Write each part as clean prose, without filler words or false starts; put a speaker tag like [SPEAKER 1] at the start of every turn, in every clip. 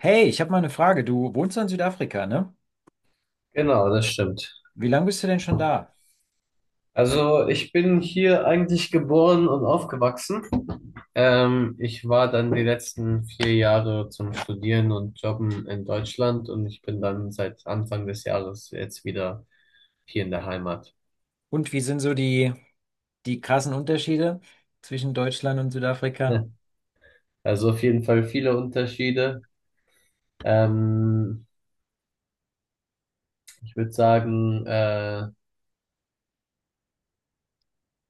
[SPEAKER 1] Hey, ich habe mal eine Frage. Du wohnst in Südafrika, ne?
[SPEAKER 2] Genau, das stimmt.
[SPEAKER 1] Wie lange bist du denn schon da?
[SPEAKER 2] Also ich bin hier eigentlich geboren und aufgewachsen. Ich war dann die letzten vier Jahre zum Studieren und Jobben in Deutschland und ich bin dann seit Anfang des Jahres jetzt wieder hier in der Heimat.
[SPEAKER 1] Und wie sind so die krassen Unterschiede zwischen Deutschland und Südafrika?
[SPEAKER 2] Also auf jeden Fall viele Unterschiede. Ähm, Ich würde sagen,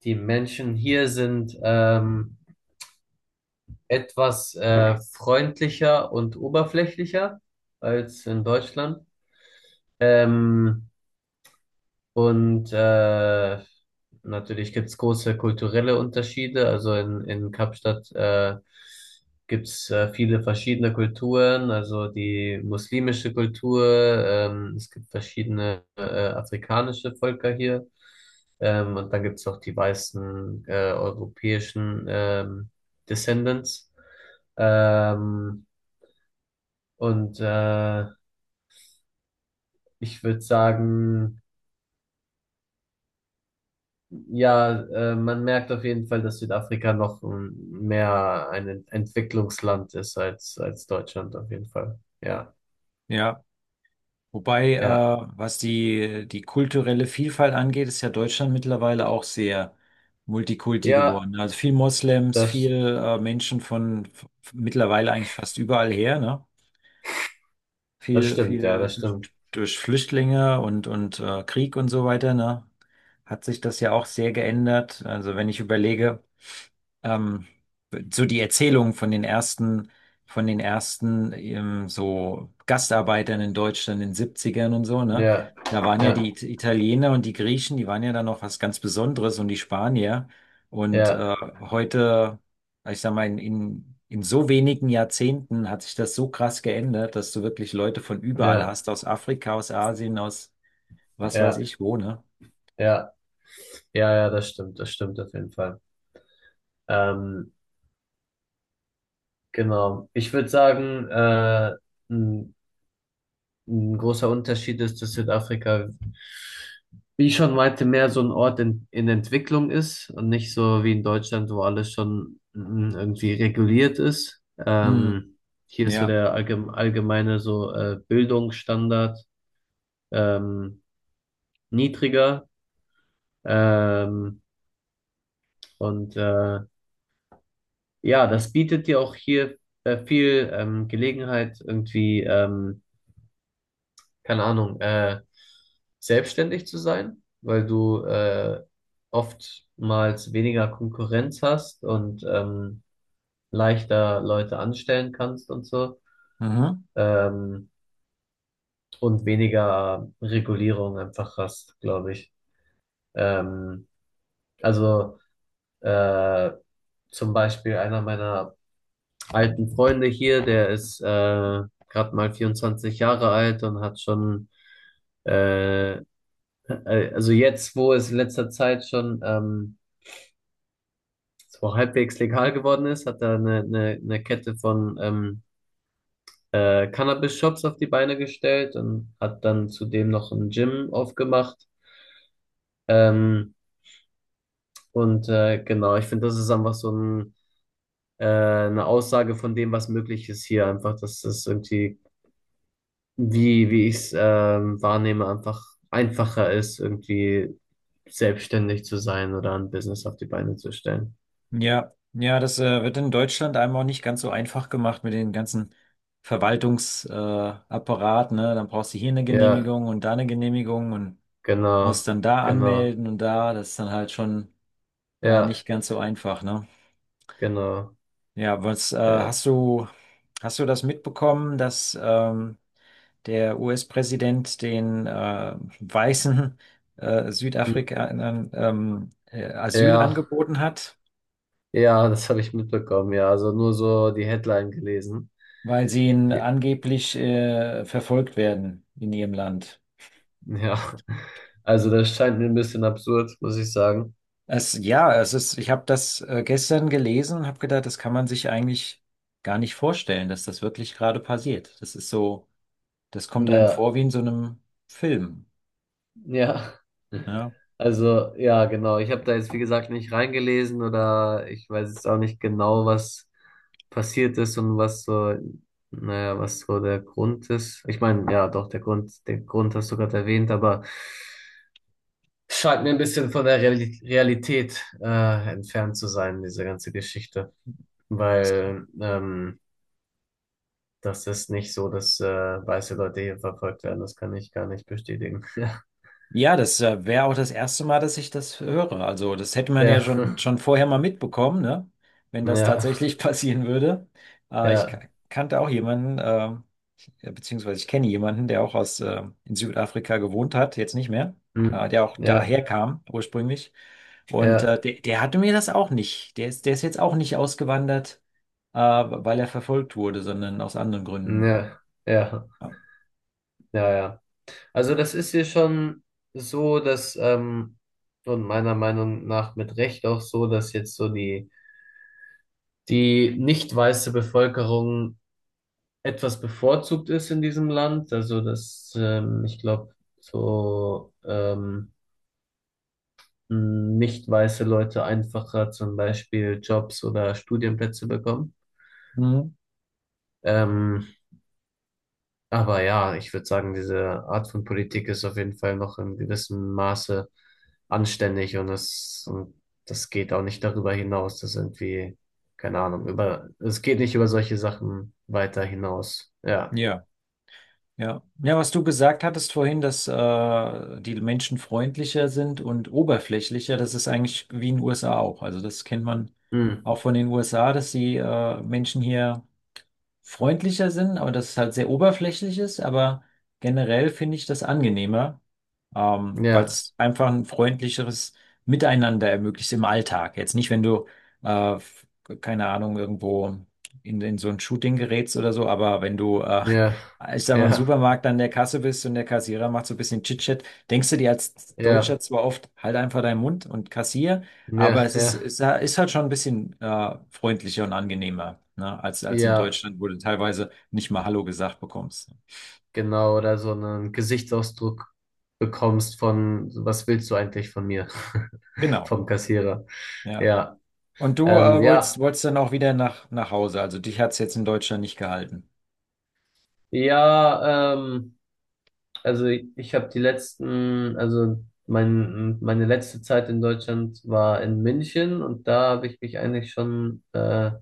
[SPEAKER 2] die Menschen hier sind etwas freundlicher und oberflächlicher als in Deutschland. Ähm, Und natürlich gibt es große kulturelle Unterschiede. Also in Kapstadt gibt es viele verschiedene Kulturen, also die muslimische Kultur, es gibt verschiedene afrikanische Völker hier. Und dann gibt es auch die weißen europäischen Descendants. Ähm, und äh, Ich würde sagen, ja, man merkt auf jeden Fall, dass Südafrika noch mehr ein Entwicklungsland ist als Deutschland auf jeden Fall. Ja,
[SPEAKER 1] Ja. Wobei,
[SPEAKER 2] ja,
[SPEAKER 1] was die kulturelle Vielfalt angeht, ist ja Deutschland mittlerweile auch sehr multikulti
[SPEAKER 2] ja,
[SPEAKER 1] geworden. Also viel Moslems, viel
[SPEAKER 2] das,
[SPEAKER 1] Menschen mittlerweile eigentlich fast überall her, ne?
[SPEAKER 2] das
[SPEAKER 1] viel,
[SPEAKER 2] stimmt, ja,
[SPEAKER 1] viel
[SPEAKER 2] das
[SPEAKER 1] durch,
[SPEAKER 2] stimmt.
[SPEAKER 1] durch Flüchtlinge und Krieg und so weiter, ne, hat sich das ja auch sehr geändert. Also wenn ich überlege, ähm, so die Erzählungen von den ersten so Gastarbeitern in Deutschland in den Siebzigern und so, ne?
[SPEAKER 2] Ja,
[SPEAKER 1] Da waren ja die
[SPEAKER 2] ja,
[SPEAKER 1] Italiener und die Griechen, die waren ja dann noch was ganz Besonderes und die Spanier. Und
[SPEAKER 2] ja,
[SPEAKER 1] heute, ich sag mal, in so wenigen Jahrzehnten hat sich das so krass geändert, dass du wirklich Leute von überall
[SPEAKER 2] ja,
[SPEAKER 1] hast, aus Afrika, aus Asien, aus was weiß
[SPEAKER 2] ja,
[SPEAKER 1] ich wo, ne?
[SPEAKER 2] ja, ja, ja, das stimmt auf jeden Fall. Ähm, genau. Ich würde sagen, ein großer Unterschied ist, dass Südafrika, wie ich schon meinte, mehr so ein Ort in Entwicklung ist und nicht so wie in Deutschland, wo alles schon irgendwie reguliert ist.
[SPEAKER 1] Hm,
[SPEAKER 2] Hier ist so
[SPEAKER 1] ja.
[SPEAKER 2] der allgemeine so Bildungsstandard ähm, niedriger. Ähm, und äh, ja, das bietet dir auch hier viel Gelegenheit, irgendwie keine Ahnung, selbstständig zu sein, weil du oftmals weniger Konkurrenz hast und leichter Leute anstellen kannst und so
[SPEAKER 1] Mhm.
[SPEAKER 2] ähm, und weniger Regulierung einfach hast, glaube ich. Ähm, also äh, zum Beispiel einer meiner alten Freunde hier, der ist gerade mal 24 Jahre alt und hat schon äh, Also jetzt, wo es in letzter Zeit schon so halbwegs legal geworden ist, hat er eine Kette von Cannabis-Shops auf die Beine gestellt und hat dann zudem noch ein Gym aufgemacht. Ähm, genau, ich finde, das ist einfach so ein, eine Aussage von dem, was möglich ist hier. Einfach, dass das irgendwie, wie ich es wahrnehme, einfach einfacher ist, irgendwie selbstständig zu sein oder ein Business auf die Beine zu stellen.
[SPEAKER 1] Ja, ja, das wird in Deutschland einem auch nicht ganz so einfach gemacht mit den ganzen Apparat, ne? Dann brauchst du hier eine
[SPEAKER 2] Ja.
[SPEAKER 1] Genehmigung und da eine Genehmigung und
[SPEAKER 2] Genau,
[SPEAKER 1] musst dann da
[SPEAKER 2] genau.
[SPEAKER 1] anmelden und da, das ist dann halt schon
[SPEAKER 2] Ja,
[SPEAKER 1] nicht ganz so einfach, ne?
[SPEAKER 2] genau.
[SPEAKER 1] Ja, was
[SPEAKER 2] Ja.
[SPEAKER 1] hast du das mitbekommen, dass der US-Präsident den weißen
[SPEAKER 2] Hm.
[SPEAKER 1] Südafrikanern Asyl
[SPEAKER 2] Ja,
[SPEAKER 1] angeboten hat?
[SPEAKER 2] ja, das habe ich mitbekommen, ja. Also nur so die Headline gelesen.
[SPEAKER 1] Weil sie in, angeblich verfolgt werden in ihrem Land.
[SPEAKER 2] Ja. Also das scheint mir ein bisschen absurd, muss ich sagen.
[SPEAKER 1] Es ist, ich habe das gestern gelesen und habe gedacht, das kann man sich eigentlich gar nicht vorstellen, dass das wirklich gerade passiert. Das ist so, das kommt einem
[SPEAKER 2] Ja,
[SPEAKER 1] vor wie in so einem Film.
[SPEAKER 2] ja.
[SPEAKER 1] Ja.
[SPEAKER 2] Also, ja, genau. Ich habe da jetzt, wie gesagt, nicht reingelesen oder ich weiß jetzt auch nicht genau, was passiert ist und was so, naja, was so der Grund ist. Ich meine, ja, doch, der Grund, den Grund hast du gerade erwähnt, aber scheint mir ein bisschen von der Realität entfernt zu sein, diese ganze Geschichte. Weil das ist nicht so, dass weiße Leute hier verfolgt werden. Das kann ich gar nicht bestätigen.
[SPEAKER 1] Ja, das wäre auch das erste Mal, dass ich das höre. Also, das hätte man ja
[SPEAKER 2] Ja,
[SPEAKER 1] schon vorher mal mitbekommen, ne? Wenn
[SPEAKER 2] ja,
[SPEAKER 1] das
[SPEAKER 2] ja,
[SPEAKER 1] tatsächlich passieren würde. Ich
[SPEAKER 2] ja,
[SPEAKER 1] kannte auch jemanden, beziehungsweise ich kenne jemanden, der auch in Südafrika gewohnt hat, jetzt nicht mehr,
[SPEAKER 2] hm,
[SPEAKER 1] der auch daher
[SPEAKER 2] ja,
[SPEAKER 1] kam ursprünglich. Und
[SPEAKER 2] ja,
[SPEAKER 1] der hatte mir das auch nicht. Der ist jetzt auch nicht ausgewandert, weil er verfolgt wurde, sondern aus anderen Gründen.
[SPEAKER 2] ja, ja,
[SPEAKER 1] Ja.
[SPEAKER 2] ja, ja. Also das ist hier schon so, dass und meiner Meinung nach mit Recht auch so, dass jetzt so die die nicht weiße Bevölkerung etwas bevorzugt ist in diesem Land. Also, dass ich glaube, so nicht weiße Leute einfacher zum Beispiel Jobs oder Studienplätze bekommen.
[SPEAKER 1] Mhm.
[SPEAKER 2] Ähm, aber ja, ich würde sagen, diese Art von Politik ist auf jeden Fall noch in gewissem Maße anständig und das geht auch nicht darüber hinaus. Das ist irgendwie, keine Ahnung, es geht nicht über solche Sachen weiter hinaus. Ja.
[SPEAKER 1] Ja. Ja. Ja, was du gesagt hattest vorhin, dass die Menschen freundlicher sind und oberflächlicher, das ist eigentlich wie in den USA auch. Also das kennt man
[SPEAKER 2] Hm.
[SPEAKER 1] auch von den USA, dass die Menschen hier freundlicher sind, aber dass es halt sehr oberflächlich ist. Aber generell finde ich das angenehmer, weil
[SPEAKER 2] Ja,
[SPEAKER 1] es einfach ein freundlicheres Miteinander ermöglicht im Alltag. Jetzt nicht, wenn äh, f- keine Ahnung, irgendwo in so ein Shooting gerätst oder so, aber wenn
[SPEAKER 2] ja,
[SPEAKER 1] ich sag mal, im
[SPEAKER 2] ja.
[SPEAKER 1] Supermarkt an der Kasse bist und der Kassierer macht so ein bisschen Chit-Chat, denkst du dir als Deutscher
[SPEAKER 2] Ja,
[SPEAKER 1] zwar oft, halt einfach deinen Mund und kassier,
[SPEAKER 2] ja,
[SPEAKER 1] aber
[SPEAKER 2] ja,
[SPEAKER 1] es ist halt schon ein bisschen freundlicher und angenehmer, ne? Als in
[SPEAKER 2] ja,
[SPEAKER 1] Deutschland, wo du teilweise nicht mal Hallo gesagt bekommst.
[SPEAKER 2] genau, oder so einen Gesichtsausdruck bekommst von, was willst du eigentlich von mir?
[SPEAKER 1] Genau,
[SPEAKER 2] Vom Kassierer.
[SPEAKER 1] ja.
[SPEAKER 2] Ja,
[SPEAKER 1] Und du
[SPEAKER 2] ja,
[SPEAKER 1] wolltest dann auch wieder nach Hause. Also dich hat es jetzt in Deutschland nicht gehalten.
[SPEAKER 2] ja, also ich habe die letzten, also mein, meine letzte Zeit in Deutschland war in München und da habe ich mich eigentlich schon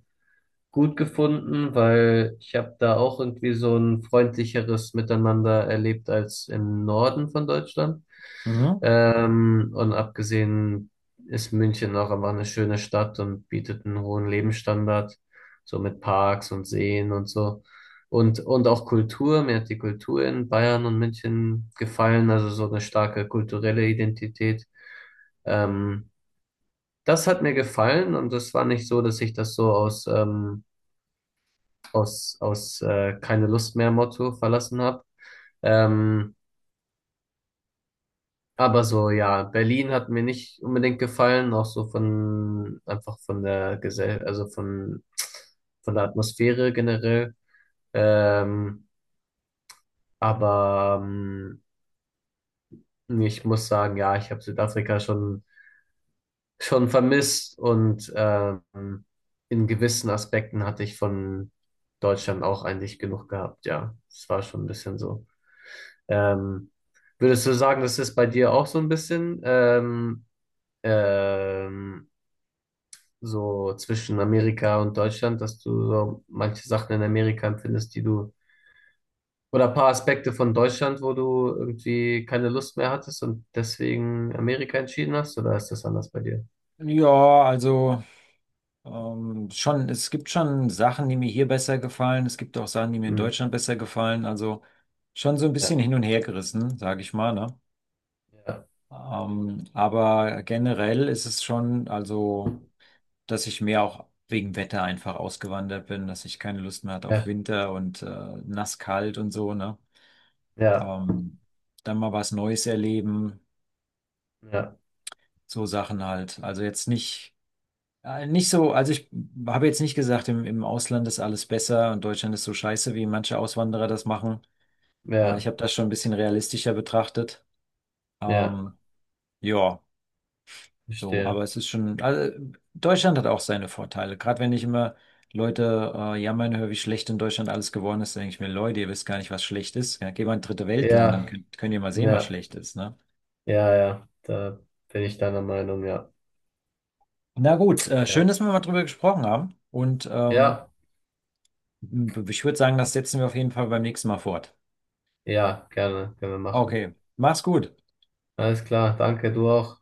[SPEAKER 2] gut gefunden, weil ich habe da auch irgendwie so ein freundlicheres Miteinander erlebt als im Norden von Deutschland.
[SPEAKER 1] Mhm.
[SPEAKER 2] Und abgesehen ist München auch einfach eine schöne Stadt und bietet einen hohen Lebensstandard, so mit Parks und Seen und so. Und auch Kultur, mir hat die Kultur in Bayern und München gefallen, also so eine starke kulturelle Identität. Ähm, Das hat mir gefallen und das war nicht so, dass ich das so aus, keine Lust mehr Motto verlassen habe. Ähm, aber so, ja, Berlin hat mir nicht unbedingt gefallen, auch so von, einfach von der Gesell, also von der Atmosphäre generell. Ähm, aber ähm, Ich muss sagen, ja, ich habe Südafrika schon vermisst und in gewissen Aspekten hatte ich von Deutschland auch eigentlich genug gehabt. Ja, es war schon ein bisschen so. Ähm, Würdest du sagen, das ist bei dir auch so ein bisschen ähm, so zwischen Amerika und Deutschland, dass du so manche Sachen in Amerika empfindest, die du oder ein paar Aspekte von Deutschland, wo du irgendwie keine Lust mehr hattest und deswegen Amerika entschieden hast? Oder ist das anders bei dir?
[SPEAKER 1] Ja, also schon, es gibt schon Sachen, die mir hier besser gefallen. Es gibt auch Sachen, die mir in
[SPEAKER 2] Hm,
[SPEAKER 1] Deutschland besser gefallen. Also schon so ein
[SPEAKER 2] ja,
[SPEAKER 1] bisschen hin und her gerissen, sage ich mal, ne?
[SPEAKER 2] ja,
[SPEAKER 1] Aber generell ist es schon, also dass ich mehr auch wegen Wetter einfach ausgewandert bin, dass ich keine Lust mehr hatte auf
[SPEAKER 2] ja,
[SPEAKER 1] Winter und nass kalt und so, ne?
[SPEAKER 2] ja,
[SPEAKER 1] Ähm, dann mal was Neues erleben,
[SPEAKER 2] ja,
[SPEAKER 1] so Sachen halt. Also jetzt nicht, ich habe jetzt nicht gesagt, im Ausland ist alles besser und Deutschland ist so scheiße, wie manche Auswanderer das machen. Ich
[SPEAKER 2] ja,
[SPEAKER 1] habe das schon ein bisschen realistischer betrachtet.
[SPEAKER 2] ja,
[SPEAKER 1] Ähm, ja. So,
[SPEAKER 2] verstehe.
[SPEAKER 1] aber es ist schon, also Deutschland hat auch seine Vorteile. Gerade wenn ich immer Leute jammern höre, wie schlecht in Deutschland alles geworden ist, denke ich mir, Leute, ihr wisst gar nicht, was schlecht ist. Ja, geht mal in ein dritte Weltland, dann
[SPEAKER 2] Ja,
[SPEAKER 1] könnt ihr mal sehen, was
[SPEAKER 2] ja,
[SPEAKER 1] schlecht ist, ne?
[SPEAKER 2] ja, ja, da bin ich deiner Meinung, ja.
[SPEAKER 1] Na gut,
[SPEAKER 2] Ja,
[SPEAKER 1] schön, dass wir mal drüber gesprochen haben. Und
[SPEAKER 2] ja,
[SPEAKER 1] ich würde sagen, das setzen wir auf jeden Fall beim nächsten Mal fort.
[SPEAKER 2] ja, gerne, können wir machen.
[SPEAKER 1] Okay, mach's gut.
[SPEAKER 2] Alles klar, danke, du auch.